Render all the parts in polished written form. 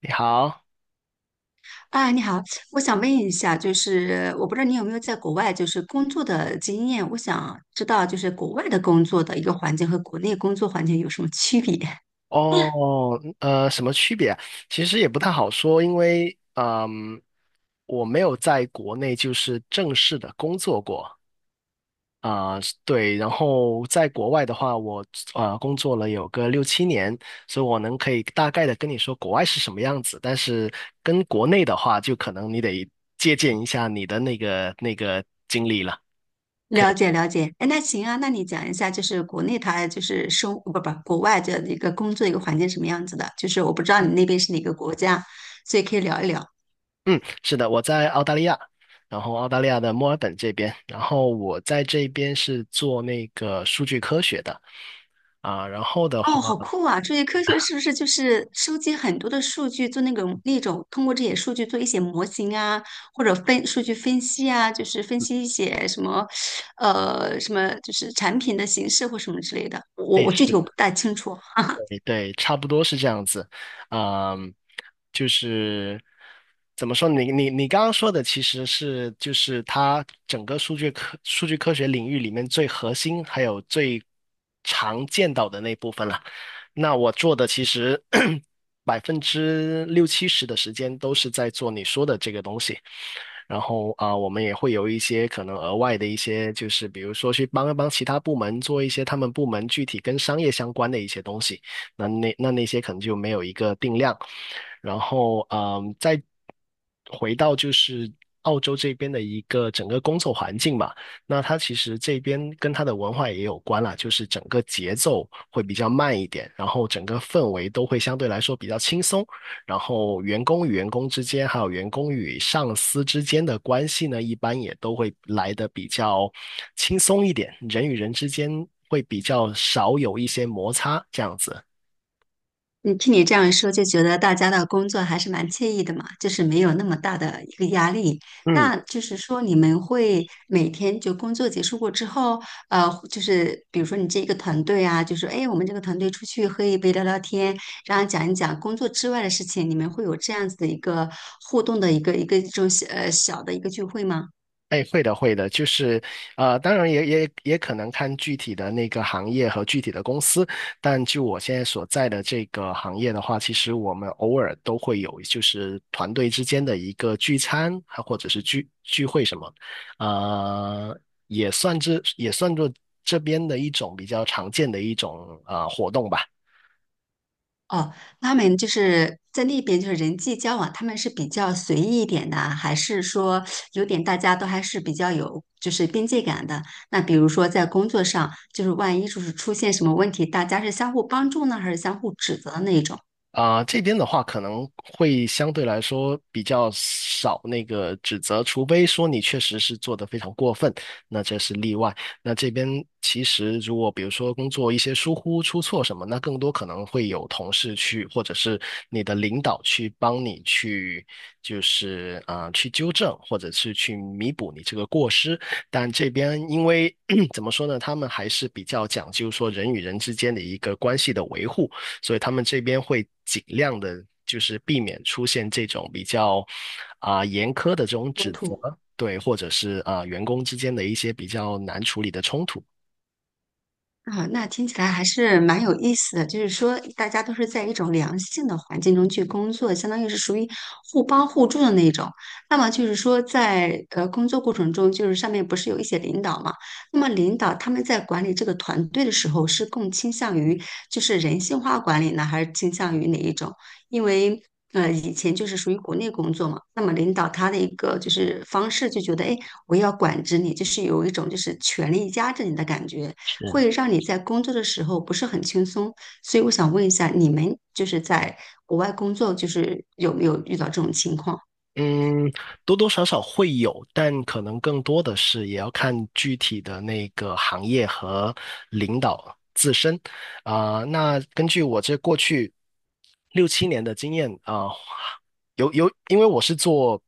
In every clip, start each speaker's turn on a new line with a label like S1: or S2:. S1: 你好，
S2: 啊，你好，我想问一下，就是我不知道你有没有在国外就是工作的经验，我想知道就是国外的工作的一个环境和国内工作环境有什么区别？
S1: 哦，什么区别啊。其实也不太好说，因为我没有在国内就是正式的工作过。啊，对，然后在国外的话，我工作了有个六七年，所以我可以大概的跟你说国外是什么样子，但是跟国内的话，就可能你得借鉴一下你的那个经历了。
S2: 了解了解，哎，那行啊，那你讲一下，就是国内它就是生不不国外的一个工作一个环境什么样子的？就是我不知道你那边是哪个国家，所以可以聊一聊。
S1: 嗯，是的，我在澳大利亚，然后澳大利亚的墨尔本这边，然后我在这边是做那个数据科学的啊，然后的话，
S2: 哦，好酷啊！这些科学是不是就是收集很多的数据，做那种通过这些数据做一些模型啊，或者分数据分析啊，就是分析一些什么，什么就是产品的形式或什么之类的。我
S1: 哎，
S2: 我具体
S1: 是
S2: 我不大清楚。
S1: 对，对差不多是这样子。嗯，就是怎么说？你刚刚说的其实是就是它整个数据科学领域里面最核心还有最常见到的那部分了。那我做的其实 60%~70%的时间都是在做你说的这个东西。然后我们也会有一些可能额外的一些，就是比如说去帮一帮其他部门做一些他们部门具体跟商业相关的一些东西。那些可能就没有一个定量。然后再回到就是澳洲这边的一个整个工作环境吧。那它其实这边跟它的文化也有关啦，就是整个节奏会比较慢一点，然后整个氛围都会相对来说比较轻松。然后员工与员工之间，还有员工与上司之间的关系呢，一般也都会来的比较轻松一点，人与人之间会比较少有一些摩擦，这样子。
S2: 你听你这样说，就觉得大家的工作还是蛮惬意的嘛，就是没有那么大的一个压力。
S1: 嗯。
S2: 那就是说，你们会每天就工作结束过之后，就是比如说你这一个团队啊，就是哎，我们这个团队出去喝一杯聊聊天，然后讲一讲工作之外的事情，你们会有这样子的一个互动的一个这种小的一个聚会吗？
S1: 哎，会的，会的，就是，当然也可能看具体的那个行业和具体的公司，但就我现在所在的这个行业的话，其实我们偶尔都会有，就是团队之间的一个聚餐，还或者是聚会什么，呃，也算作这边的一种比较常见的一种活动吧。
S2: 哦，他们就是在那边，就是人际交往，他们是比较随意一点的，还是说有点大家都还是比较有就是边界感的？那比如说在工作上，就是万一就是出现什么问题，大家是相互帮助呢，还是相互指责的那一种
S1: 这边的话可能会相对来说比较少那个指责，除非说你确实是做得非常过分，那这是例外。那这边其实如果比如说工作一些疏忽出错什么，那更多可能会有同事去，或者是你的领导去帮你去，就是去纠正，或者是去弥补你这个过失。但这边因为 怎么说呢，他们还是比较讲究说人与人之间的一个关系的维护。所以他们这边会尽量的，就是避免出现这种比较严苛的这种
S2: 冲
S1: 指责，
S2: 突？
S1: 对，或者是员工之间的一些比较难处理的冲突。
S2: 啊，那听起来还是蛮有意思的。就是说，大家都是在一种良性的环境中去工作，相当于是属于互帮互助的那种。那么就是说在，呃工作过程中，就是上面不是有一些领导嘛？那么领导他们在管理这个团队的时候，是更倾向于就是人性化管理呢，还是倾向于哪一种？因为以前就是属于国内工作嘛，那么领导他的一个就是方式就觉得，哎，我要管制你，就是有一种就是权力压制你的感觉。会让你在工作的时候不是很轻松。所以我想问一下，你们就是在国外工作，就是有没有遇到这种情况？
S1: 嗯，多多少少会有，但可能更多的是也要看具体的那个行业和领导自身。那根据我这过去六七年的经验有，因为我是做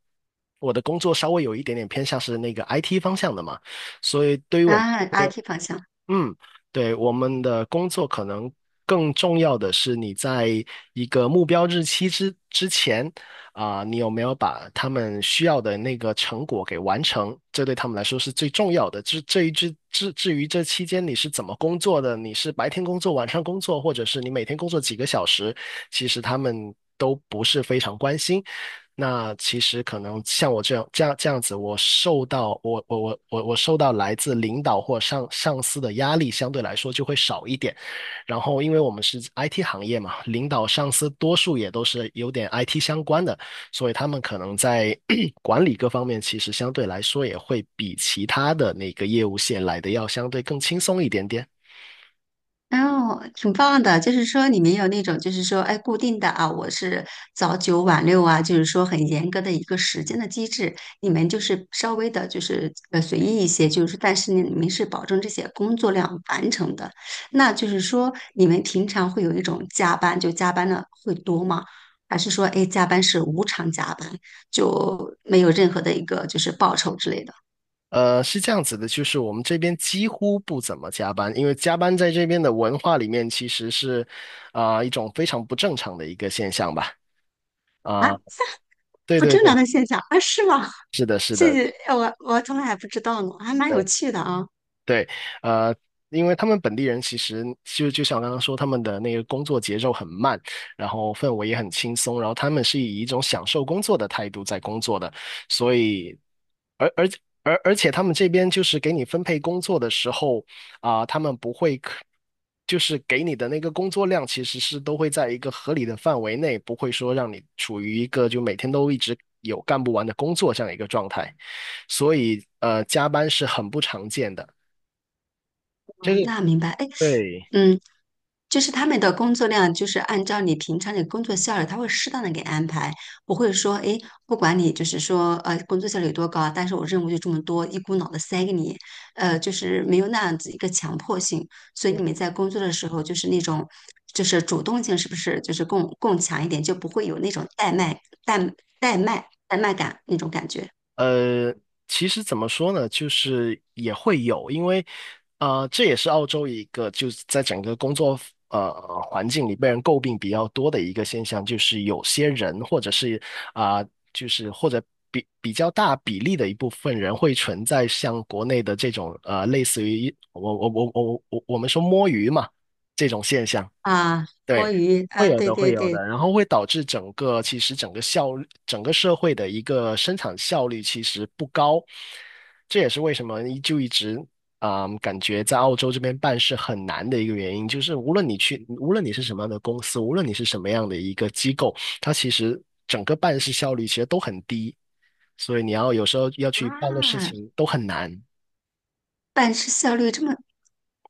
S1: 我的工作稍微有一点点偏向是那个 IT 方向的嘛，所以对于我们。
S2: 啊，阿 T 方向。
S1: 嗯，对，我们的工作可能更重要的是你在一个目标日期之前你有没有把他们需要的那个成果给完成？这对他们来说是最重要的。至于这期间你是怎么工作的，你是白天工作、晚上工作，或者是你每天工作几个小时，其实他们都不是非常关心。那其实可能像我这样子，我受到我我我我我受到来自领导或上司的压力相对来说就会少一点。然后，因为我们是 IT 行业嘛，领导上司多数也都是有点 IT 相关的，所以他们可能在 管理各方面其实相对来说也会比其他的那个业务线来的要相对更轻松一点点。
S2: 哦，挺棒的，就是说你们有那种，就是说，哎，固定的啊，我是早九晚六啊，就是说很严格的一个时间的机制。你们就是稍微的，就是随意一些，就是但是呢，你们是保证这些工作量完成的。那就是说，你们平常会有一种加班，就加班的会多吗？还是说，哎，加班是无偿加班，就没有任何的一个就是报酬之类的？
S1: 是这样子的，就是我们这边几乎不怎么加班，因为加班在这边的文化里面其实是，一种非常不正常的一个现象吧。啊、对
S2: 不
S1: 对
S2: 正
S1: 对，
S2: 常的现象啊？是吗？
S1: 是的，是的。
S2: 我从来还不知道呢，还蛮有
S1: 对。
S2: 趣的啊。
S1: 对，呃，因为他们本地人其实就就像我刚刚说，他们的那个工作节奏很慢，然后氛围也很轻松，然后他们是以一种享受工作的态度在工作的，所以，而而而且他们这边就是给你分配工作的时候，啊、他们不会可，就是给你的那个工作量其实是都会在一个合理的范围内，不会说让你处于一个就每天都一直有干不完的工作这样一个状态，所以加班是很不常见的。
S2: 啊，
S1: 这个。
S2: 那明白。哎，
S1: 对，
S2: 嗯，就是他们的工作量，就是按照你平常的工作效率，他会适当的给安排，不会说，哎，不管你就是说，工作效率有多高啊，但是我任务就这么多，一股脑的塞给你，就是没有那样子一个强迫性。所以你们在工作的时候，就是那种，就是主动性是不是就是更强一点，就不会有那种怠慢、怠怠慢感那种感觉。
S1: 呃，其实怎么说呢，就是也会有，因为啊，这也是澳洲一个就是在整个工作呃环境里被人诟病比较多的一个现象，就是有些人或者是啊、就是或者比较大比例的一部分人会存在像国内的这种类似于我们说摸鱼嘛这种现象。
S2: 啊，
S1: 对，
S2: 摸鱼
S1: 会
S2: 啊，
S1: 有
S2: 对
S1: 的，
S2: 对
S1: 会有的，
S2: 对，
S1: 然后会导致整个其实整个效率，整个社会的一个生产效率其实不高，这也是为什么一直感觉在澳洲这边办事很难的一个原因，就是无论你去，无论你是什么样的公司，无论你是什么样的一个机构，它其实整个办事效率其实都很低，所以你要有时候要去办的事
S2: 啊，
S1: 情都很难。
S2: 办事效率这么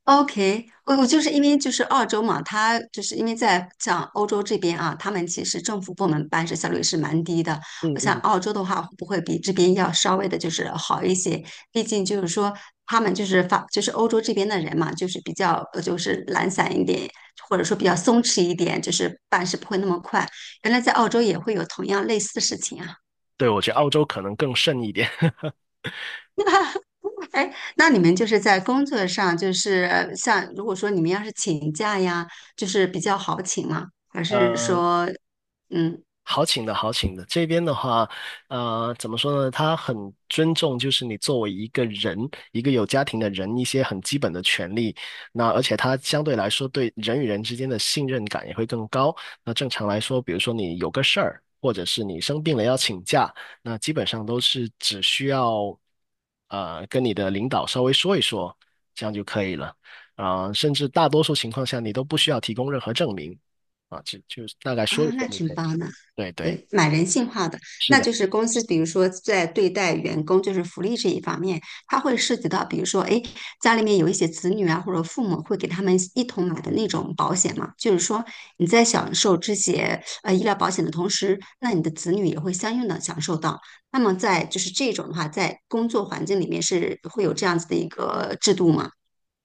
S2: OK,我就是因为就是澳洲嘛，他就是因为在像欧洲这边啊，他们其实政府部门办事效率是蛮低的。
S1: 嗯
S2: 我想
S1: 嗯，
S2: 澳洲的话，会不会比这边要稍微的就是好一些？毕竟就是说他们就是法就是欧洲这边的人嘛，就是比较就是懒散一点，或者说比较松弛一点，就是办事不会那么快。原来在澳洲也会有同样类似的事情啊。
S1: 对，我觉得澳洲可能更甚一点。
S2: 哎，那你们就是在工作上，就是像如果说你们要是请假呀，就是比较好请吗？还是
S1: 呃，
S2: 说，嗯？
S1: 好请的，好请的。这边的话，怎么说呢？他很尊重，就是你作为一个人，一个有家庭的人，一些很基本的权利。那而且他相对来说对人与人之间的信任感也会更高。那正常来说，比如说你有个事儿，或者是你生病了要请假，那基本上都是只需要跟你的领导稍微说一说，这样就可以了。甚至大多数情况下，你都不需要提供任何证明啊，就大概说一
S2: 啊，那
S1: 说就可
S2: 挺
S1: 以了。
S2: 棒的，
S1: 对对，
S2: 对，蛮人性化的。
S1: 是
S2: 那
S1: 的。
S2: 就是公司，比如说在对待员工，就是福利这一方面，它会涉及到，比如说，哎，家里面有一些子女啊，或者父母会给他们一同买的那种保险嘛。就是说，你在享受这些医疗保险的同时，那你的子女也会相应的享受到。那么在就是这种的话，在工作环境里面是会有这样子的一个制度吗？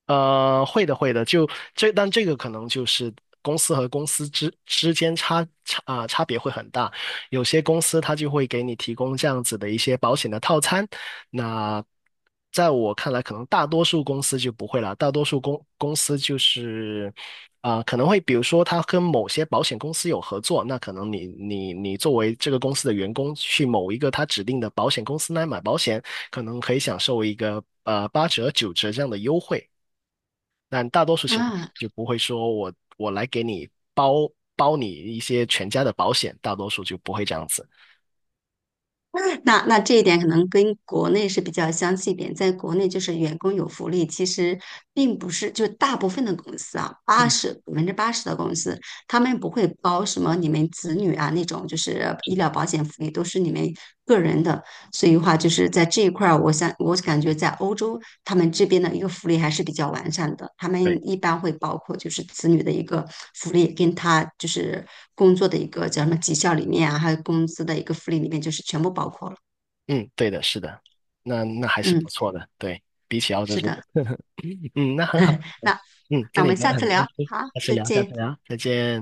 S1: 会的，会的，但这个可能就是公司和公司之间差别会很大。有些公司它就会给你提供这样子的一些保险的套餐，那在我看来，可能大多数公司就不会啦。大多数公司就是可能会比如说他跟某些保险公司有合作，那可能你作为这个公司的员工去某一个他指定的保险公司来买保险，可能可以享受一个八折九折这样的优惠。但大多数情况下
S2: 啊，
S1: 就不会说我来给你包你一些全家的保险，大多数就不会这样子。
S2: 那那这一点可能跟国内是比较相似一点，在国内就是员工有福利，其实并不是就大部分的公司啊，
S1: 嗯，
S2: 80%的公司，他们不会包什么你们子女啊那种，就是
S1: 是
S2: 医
S1: 的，
S2: 疗保险福利都是你们个人的。所以的话，就是在这一块儿，我想我感觉在欧洲他们这边的一个福利还是比较完善的。他
S1: 对，
S2: 们一般会包括就是子女的一个福利，跟他就是工作的一个叫什么绩效里面啊，还有工资的一个福利里面，就是全部包括了。
S1: 嗯，对的，是的，那还是
S2: 嗯，
S1: 不错的，对，比起澳洲
S2: 是
S1: 这
S2: 的。
S1: 边，嗯，那很好，
S2: 那
S1: 嗯，
S2: 那
S1: 跟
S2: 我
S1: 你
S2: 们
S1: 聊
S2: 下
S1: 得
S2: 次
S1: 很开
S2: 聊，
S1: 心，
S2: 好，
S1: 下次
S2: 再
S1: 聊，下
S2: 见。
S1: 次聊，再见。